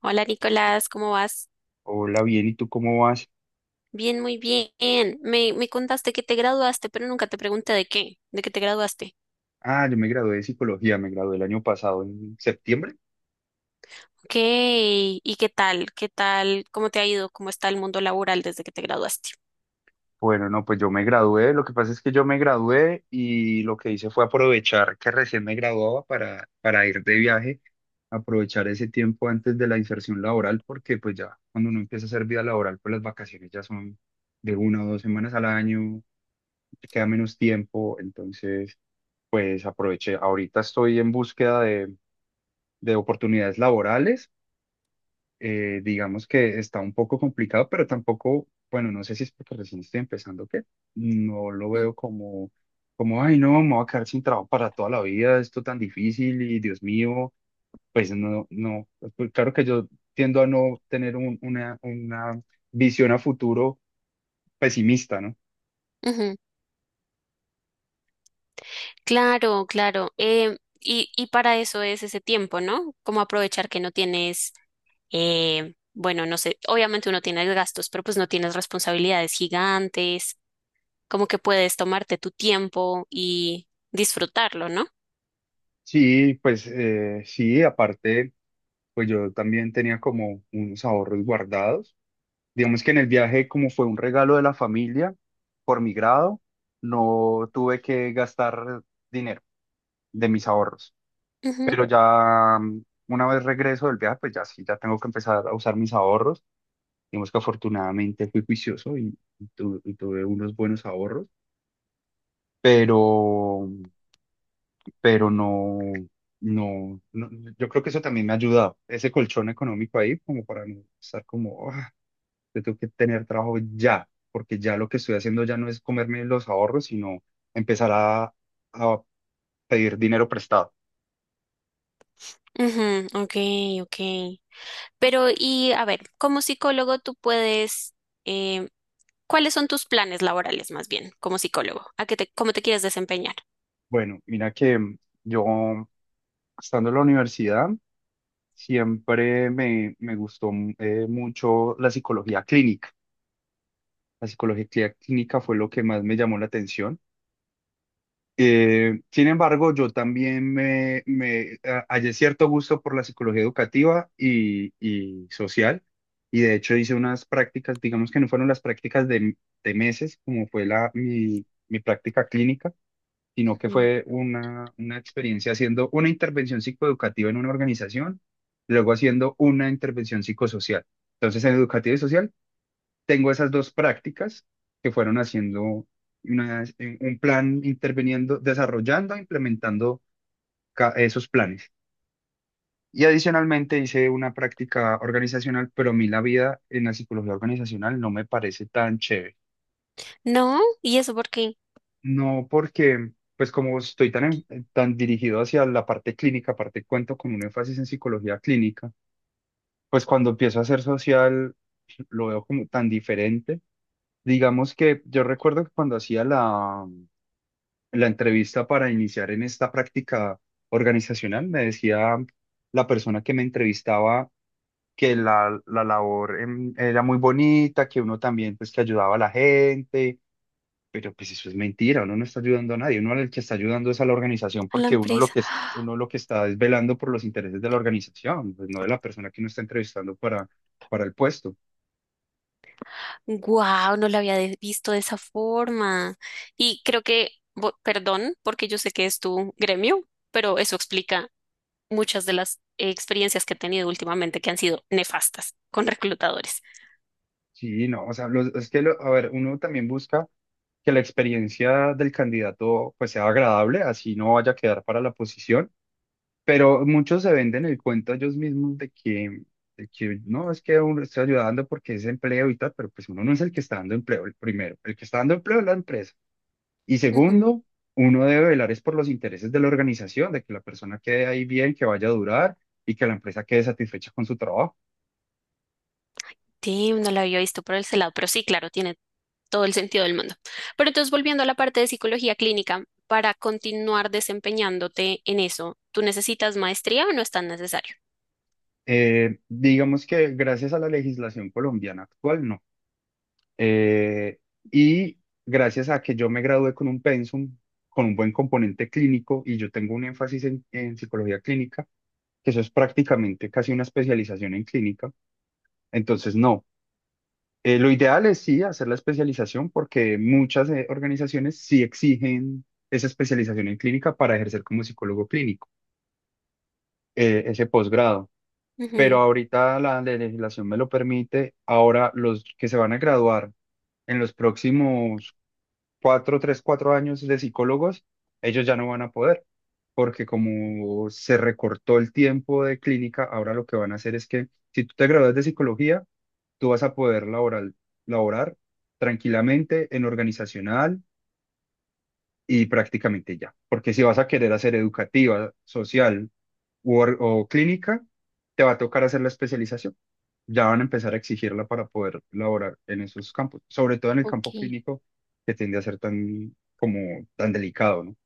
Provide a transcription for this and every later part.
Hola Nicolás, ¿cómo vas? Hola, bien, ¿y tú cómo vas? Bien, muy bien. Me contaste que te graduaste, pero nunca te pregunté de qué te graduaste. Ah, yo me gradué de psicología, me gradué el año pasado en septiembre. Ok, ¿y qué tal? ¿Qué tal? ¿Cómo te ha ido? ¿Cómo está el mundo laboral desde que te graduaste? Bueno, no, pues yo me gradué, lo que pasa es que yo me gradué y lo que hice fue aprovechar que recién me graduaba para ir de viaje, aprovechar ese tiempo antes de la inserción laboral, porque pues ya cuando uno empieza a hacer vida laboral, pues las vacaciones ya son de una o dos semanas al año, te queda menos tiempo, entonces pues aproveché. Ahorita estoy en búsqueda de oportunidades laborales. Digamos que está un poco complicado, pero tampoco, bueno, no sé si es porque recién estoy empezando, que no lo Mm. veo como, como, ay, no, me voy a quedar sin trabajo para toda la vida, esto tan difícil y Dios mío, pues no, pues, claro que yo tiendo a no tener una visión a futuro pesimista, ¿no? Ujú. Claro, claro. Y para eso es ese tiempo, ¿no? Como aprovechar que no tienes. Bueno, no sé, obviamente uno tiene gastos, pero pues no tienes responsabilidades gigantes, como que puedes tomarte tu tiempo y disfrutarlo, ¿no? Sí, pues sí, aparte, pues yo también tenía como unos ahorros guardados. Digamos que en el viaje, como fue un regalo de la familia por mi grado, no tuve que gastar dinero de mis ahorros. Ujú, Pero ya una vez regreso del viaje, pues ya sí, ya tengo que empezar a usar mis ahorros. Digamos que afortunadamente fui juicioso y y tuve unos buenos ahorros, pero, pero no, no, no- yo creo que eso también me ha ayudado, ese colchón económico ahí, como para no estar como, yo tengo que tener trabajo ya, porque ya lo que estoy haciendo ya no es comerme los ahorros, sino empezar a pedir dinero prestado. ujú, ok, ok. Pero y a ver, como psicólogo tú puedes, eh, ¿cuáles son tus planes laborales más bien como psicólogo? ¿A qué te, cómo te quieres desempeñar? Bueno, mira que yo, estando en la universidad, siempre me gustó mucho la psicología clínica. La psicología clínica fue lo que más me llamó la atención. Sin embargo, yo también me hallé cierto gusto por la psicología educativa y social, y de hecho hice unas prácticas, digamos que no fueron las prácticas de meses, como fue mi práctica clínica, sino que Ujú. fue una experiencia haciendo una intervención psicoeducativa en una organización, luego haciendo una intervención psicosocial. Entonces, en educativa y social tengo esas dos prácticas que fueron haciendo un plan, interviniendo, desarrollando, implementando esos planes. Y adicionalmente hice una práctica organizacional, pero a mí la vida en la psicología organizacional no me parece tan chévere. No, ¿y eso por qué? No porque, pues como estoy tan, tan dirigido hacia la parte clínica, aparte cuento con un énfasis en psicología clínica, pues cuando empiezo a hacer social lo veo como tan diferente. Digamos que yo recuerdo que cuando hacía la entrevista para iniciar en esta práctica organizacional, me decía la persona que me entrevistaba que la labor era muy bonita, que uno también pues que ayudaba a la gente, pero pues eso es mentira, uno no está ayudando a nadie, uno al que está ayudando es a la organización A la porque uno lo empresa. que, es- uno lo que está es velando por los intereses de la organización, pues no de la persona que uno está entrevistando para el puesto. Wow, no lo había visto de esa forma. Y creo que, perdón, porque yo sé que es tu gremio, pero eso explica muchas de las experiencias que he tenido últimamente que han sido nefastas con reclutadores. Sí, no, o sea, los- es que, lo- a ver, uno también busca que la experiencia del candidato pues sea agradable, así no vaya a quedar para la posición, pero muchos se venden el cuento ellos mismos de que no, es que uno está ayudando porque es empleo y tal, pero pues uno no es el que está dando empleo, el primero, el que está dando empleo es la empresa. Y segundo, uno debe velar es por los intereses de la organización, de que la persona quede ahí bien, que vaya a durar y que la empresa quede satisfecha con su trabajo. Sí, no la había visto por ese lado, pero sí, claro, tiene todo el sentido del mundo. Pero entonces, volviendo a la parte de psicología clínica, para continuar desempeñándote en eso, ¿tú necesitas maestría o no es tan necesario? Digamos que gracias a la legislación colombiana actual, no. Eh, y gracias a que yo me gradué con un pensum, con un buen componente clínico, y yo tengo un énfasis en psicología clínica, que eso es prácticamente casi una especialización en clínica, entonces no. Lo ideal es sí hacer la especialización porque muchas organizaciones sí exigen esa especialización en clínica para ejercer como psicólogo clínico, ese posgrado. Pero Ujú, ahorita la legislación me lo permite. Ahora los que se van a graduar en los próximos cuatro, tres, cuatro años de psicólogos, ellos ya no van a poder, porque como se recortó el tiempo de clínica, ahora lo que van a hacer es que si tú te gradúas de psicología, tú vas a poder laboral, laborar tranquilamente en organizacional y prácticamente ya, porque si vas a querer hacer educativa, social o clínica, te va a tocar hacer la especialización. Ya van a empezar a exigirla para poder laborar en esos campos, sobre todo en el campo ok. clínico que tiende a ser tan como tan delicado, ¿no?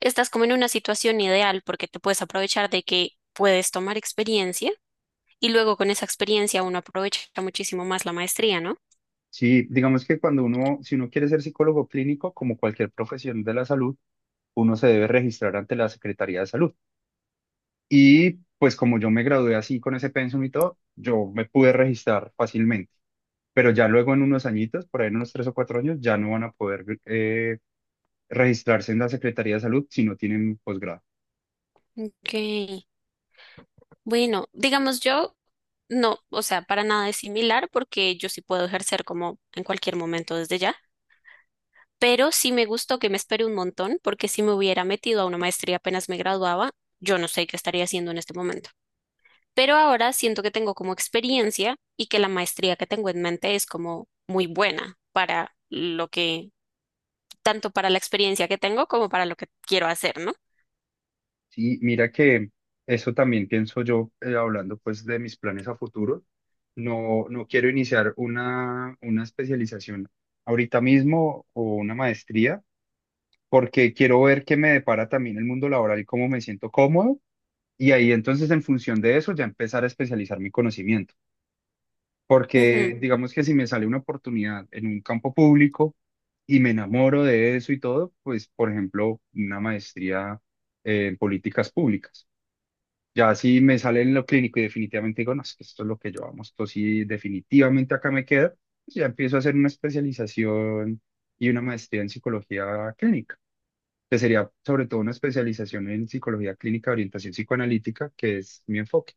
Estás como en una situación ideal porque te puedes aprovechar de que puedes tomar experiencia y luego con esa experiencia uno aprovecha muchísimo más la maestría, ¿no? Sí, digamos que cuando uno, si uno quiere ser psicólogo clínico, como cualquier profesión de la salud, uno se debe registrar ante la Secretaría de Salud. Y pues como yo me gradué así con ese pensum y todo, yo me pude registrar fácilmente. Pero ya luego en unos añitos, por ahí en unos tres o cuatro años, ya no van a poder registrarse en la Secretaría de Salud si no tienen posgrado. Ok, bueno, digamos yo, no, o sea, para nada es similar porque yo sí puedo ejercer como en cualquier momento desde ya, pero sí me gustó que me espere un montón porque si me hubiera metido a una maestría apenas me graduaba, yo no sé qué estaría haciendo en este momento. Pero ahora siento que tengo como experiencia y que la maestría que tengo en mente es como muy buena para lo que, tanto para la experiencia que tengo como para lo que quiero hacer, ¿no? Sí, mira que eso también pienso yo, hablando pues de mis planes a futuro. No, no quiero iniciar una especialización ahorita mismo o una maestría, porque quiero ver qué me depara también el mundo laboral y cómo me siento cómodo. Y ahí entonces en función de eso ya empezar a especializar mi conocimiento. Ujú. Porque digamos que si me sale una oportunidad en un campo público y me enamoro de eso y todo, pues por ejemplo, una maestría en políticas públicas. Ya si me sale en lo clínico y definitivamente digo, no, es que esto es lo que yo amo, esto sí definitivamente acá me quedo, pues ya empiezo a hacer una especialización y una maestría en psicología clínica, que sería sobre todo una especialización en psicología clínica, orientación psicoanalítica, que es mi enfoque.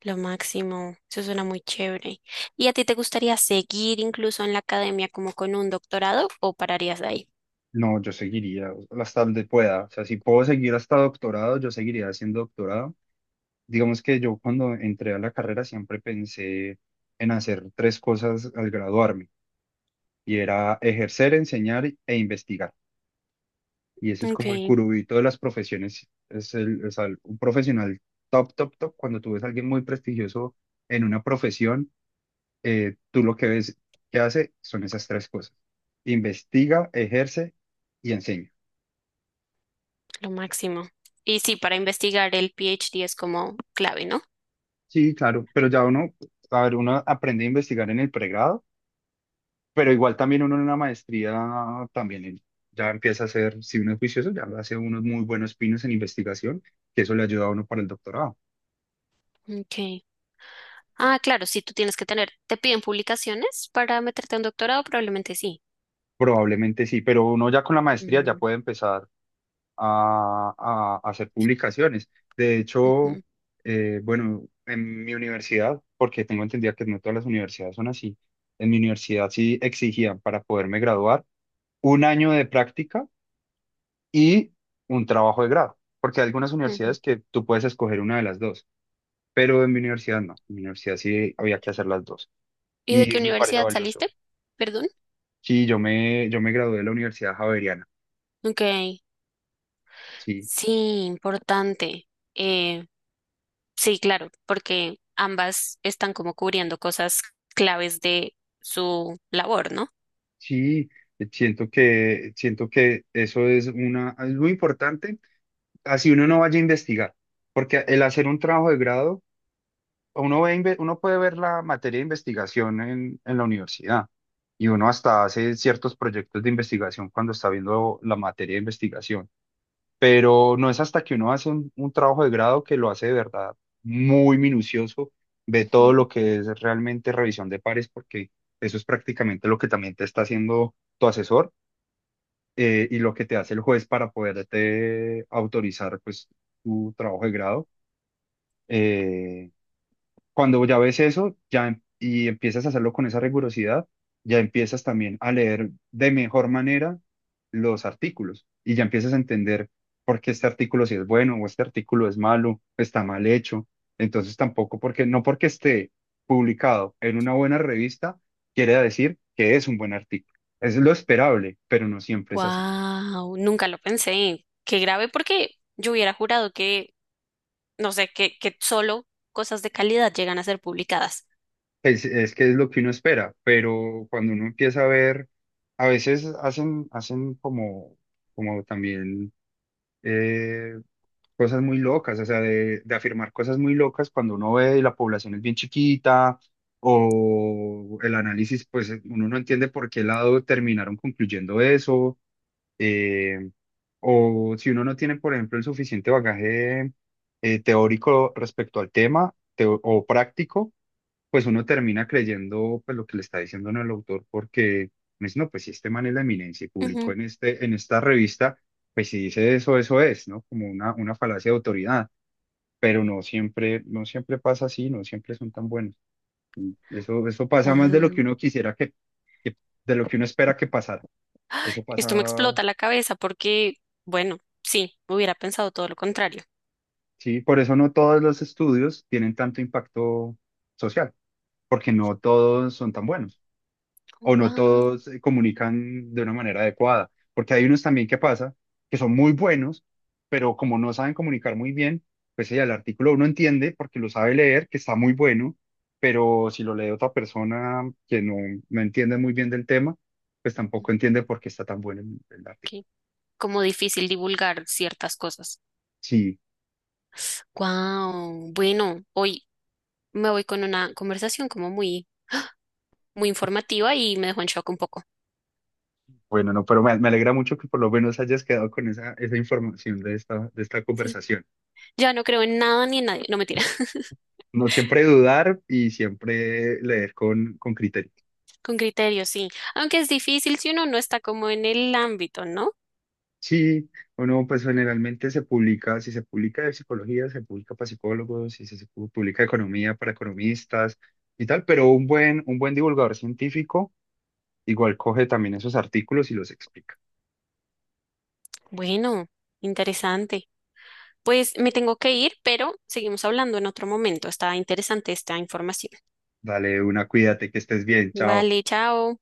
Lo máximo, eso suena muy chévere. ¿Y a ti te gustaría seguir incluso en la academia como con un doctorado o pararías de ahí? No, yo seguiría hasta donde pueda, o sea, si puedo seguir hasta doctorado, yo seguiría haciendo doctorado. Digamos que yo cuando entré a la carrera siempre pensé en hacer tres cosas al graduarme, y era ejercer, enseñar e investigar. Y ese es Ok, como el curubito de las profesiones. Es el, o sea, un profesional top, top, top. Cuando tú ves a alguien muy prestigioso en una profesión, tú lo que ves que hace son esas tres cosas. Investiga, ejerce y enseña. lo máximo. Y sí, para investigar el PhD es como clave, ¿no? Sí, claro, pero ya uno, a ver, uno aprende a investigar en el pregrado, pero igual también uno en una maestría también en- ya empieza a hacer si uno es juicioso, ya hace unos muy buenos pinos en investigación, que eso le ayuda a uno para el doctorado. Ok. Ah, claro, sí, tú tienes que tener, ¿te piden publicaciones para meterte a un doctorado? Probablemente sí. Probablemente sí, pero uno ya con la maestría ya Mm, puede empezar a, a hacer publicaciones. De hecho, ujú, bueno, en mi universidad, porque tengo entendido que no todas las universidades son así, en mi universidad sí exigían para poderme graduar un año de práctica y un trabajo de grado, porque hay algunas ujú. universidades que tú puedes escoger una de las dos, pero en mi universidad no, en mi universidad sí había que hacer las dos ¿Y de y qué me parece universidad saliste? valioso. Perdón. Sí, yo me gradué de la Universidad Javeriana. Ok, Sí. sí, importante. Sí, claro, porque ambas están como cubriendo cosas claves de su labor, ¿no? Sí, siento que eso es una, es muy importante, así uno no vaya a investigar, porque el hacer un trabajo de grado, uno ve, inve- uno puede ver la materia de investigación en la universidad y uno hasta hace ciertos proyectos de investigación cuando está viendo la materia de investigación, pero no es hasta que uno hace un trabajo de grado que lo hace de verdad muy minucioso, ve todo lo que es realmente revisión de pares, porque eso es prácticamente lo que también te está haciendo tu asesor, y lo que te hace el juez para poderte autorizar pues tu trabajo de grado. Eh, Cuando ya ves eso ya, y empiezas a hacerlo con esa rigurosidad, ya empiezas también a leer de mejor manera los artículos y ya empiezas a entender por qué este artículo sí es bueno o este artículo es malo, está mal hecho. Entonces tampoco porque, no porque esté publicado en una buena revista, quiere decir que es un buen artículo. Es lo esperable, pero no siempre es así. Wow, nunca lo pensé. Qué grave porque yo hubiera jurado que, no sé, que solo cosas de calidad llegan a ser publicadas. Pues es que es lo que uno espera, pero cuando uno empieza a ver, a veces hacen, hacen como, como también eh, cosas muy locas, o sea, de afirmar cosas muy locas cuando uno ve y la población es bien chiquita o el análisis, pues uno no entiende por qué lado terminaron concluyendo eso, eh, o si uno no tiene, por ejemplo, el suficiente bagaje teórico respecto al tema o práctico, pues uno termina creyendo pues, lo que le está diciendo ¿no? el autor, porque me dice, no, pues si este man es la eminencia y publicó Wow. en, este, en esta revista, pues si dice eso, eso es, ¿no? Como una falacia de autoridad, pero no siempre, no siempre pasa así, no siempre son tan buenos. Y eso pasa más de lo que uno quisiera que- de lo que uno espera que pasara. Eso Esto me pasa, explota la cabeza porque, bueno, sí, hubiera pensado todo lo contrario. sí, por eso no todos los estudios tienen tanto impacto social, porque no todos son tan buenos. O no Wow, todos comunican de una manera adecuada, porque hay unos también que pasa que son muy buenos, pero como no saben comunicar muy bien, pues ya el artículo uno entiende porque lo sabe leer, que está muy bueno, pero si lo lee otra persona que no, no entiende muy bien del tema, pues tampoco entiende por qué está tan bueno el artículo. qué como difícil divulgar ciertas cosas. Sí, Wow, bueno, hoy me voy con una conversación como muy muy informativa y me dejó en shock un poco. bueno, no, pero me alegra mucho que por lo menos hayas quedado con esa, esa información de esta Sí, conversación. ya no creo en nada ni en nadie, no mentira, No siempre dudar y siempre leer con criterio. con criterio, sí. Aunque es difícil si uno no está como en el ámbito, ¿no? Sí, o no, pues generalmente se publica, si se publica de psicología, se publica para psicólogos, si se pu- publica de economía para economistas y tal, pero un buen divulgador científico igual coge también esos artículos y los explica. Bueno, interesante. Pues me tengo que ir, pero seguimos hablando en otro momento. Está interesante esta información. Dale una, cuídate, que estés bien, chao. Vale, chao.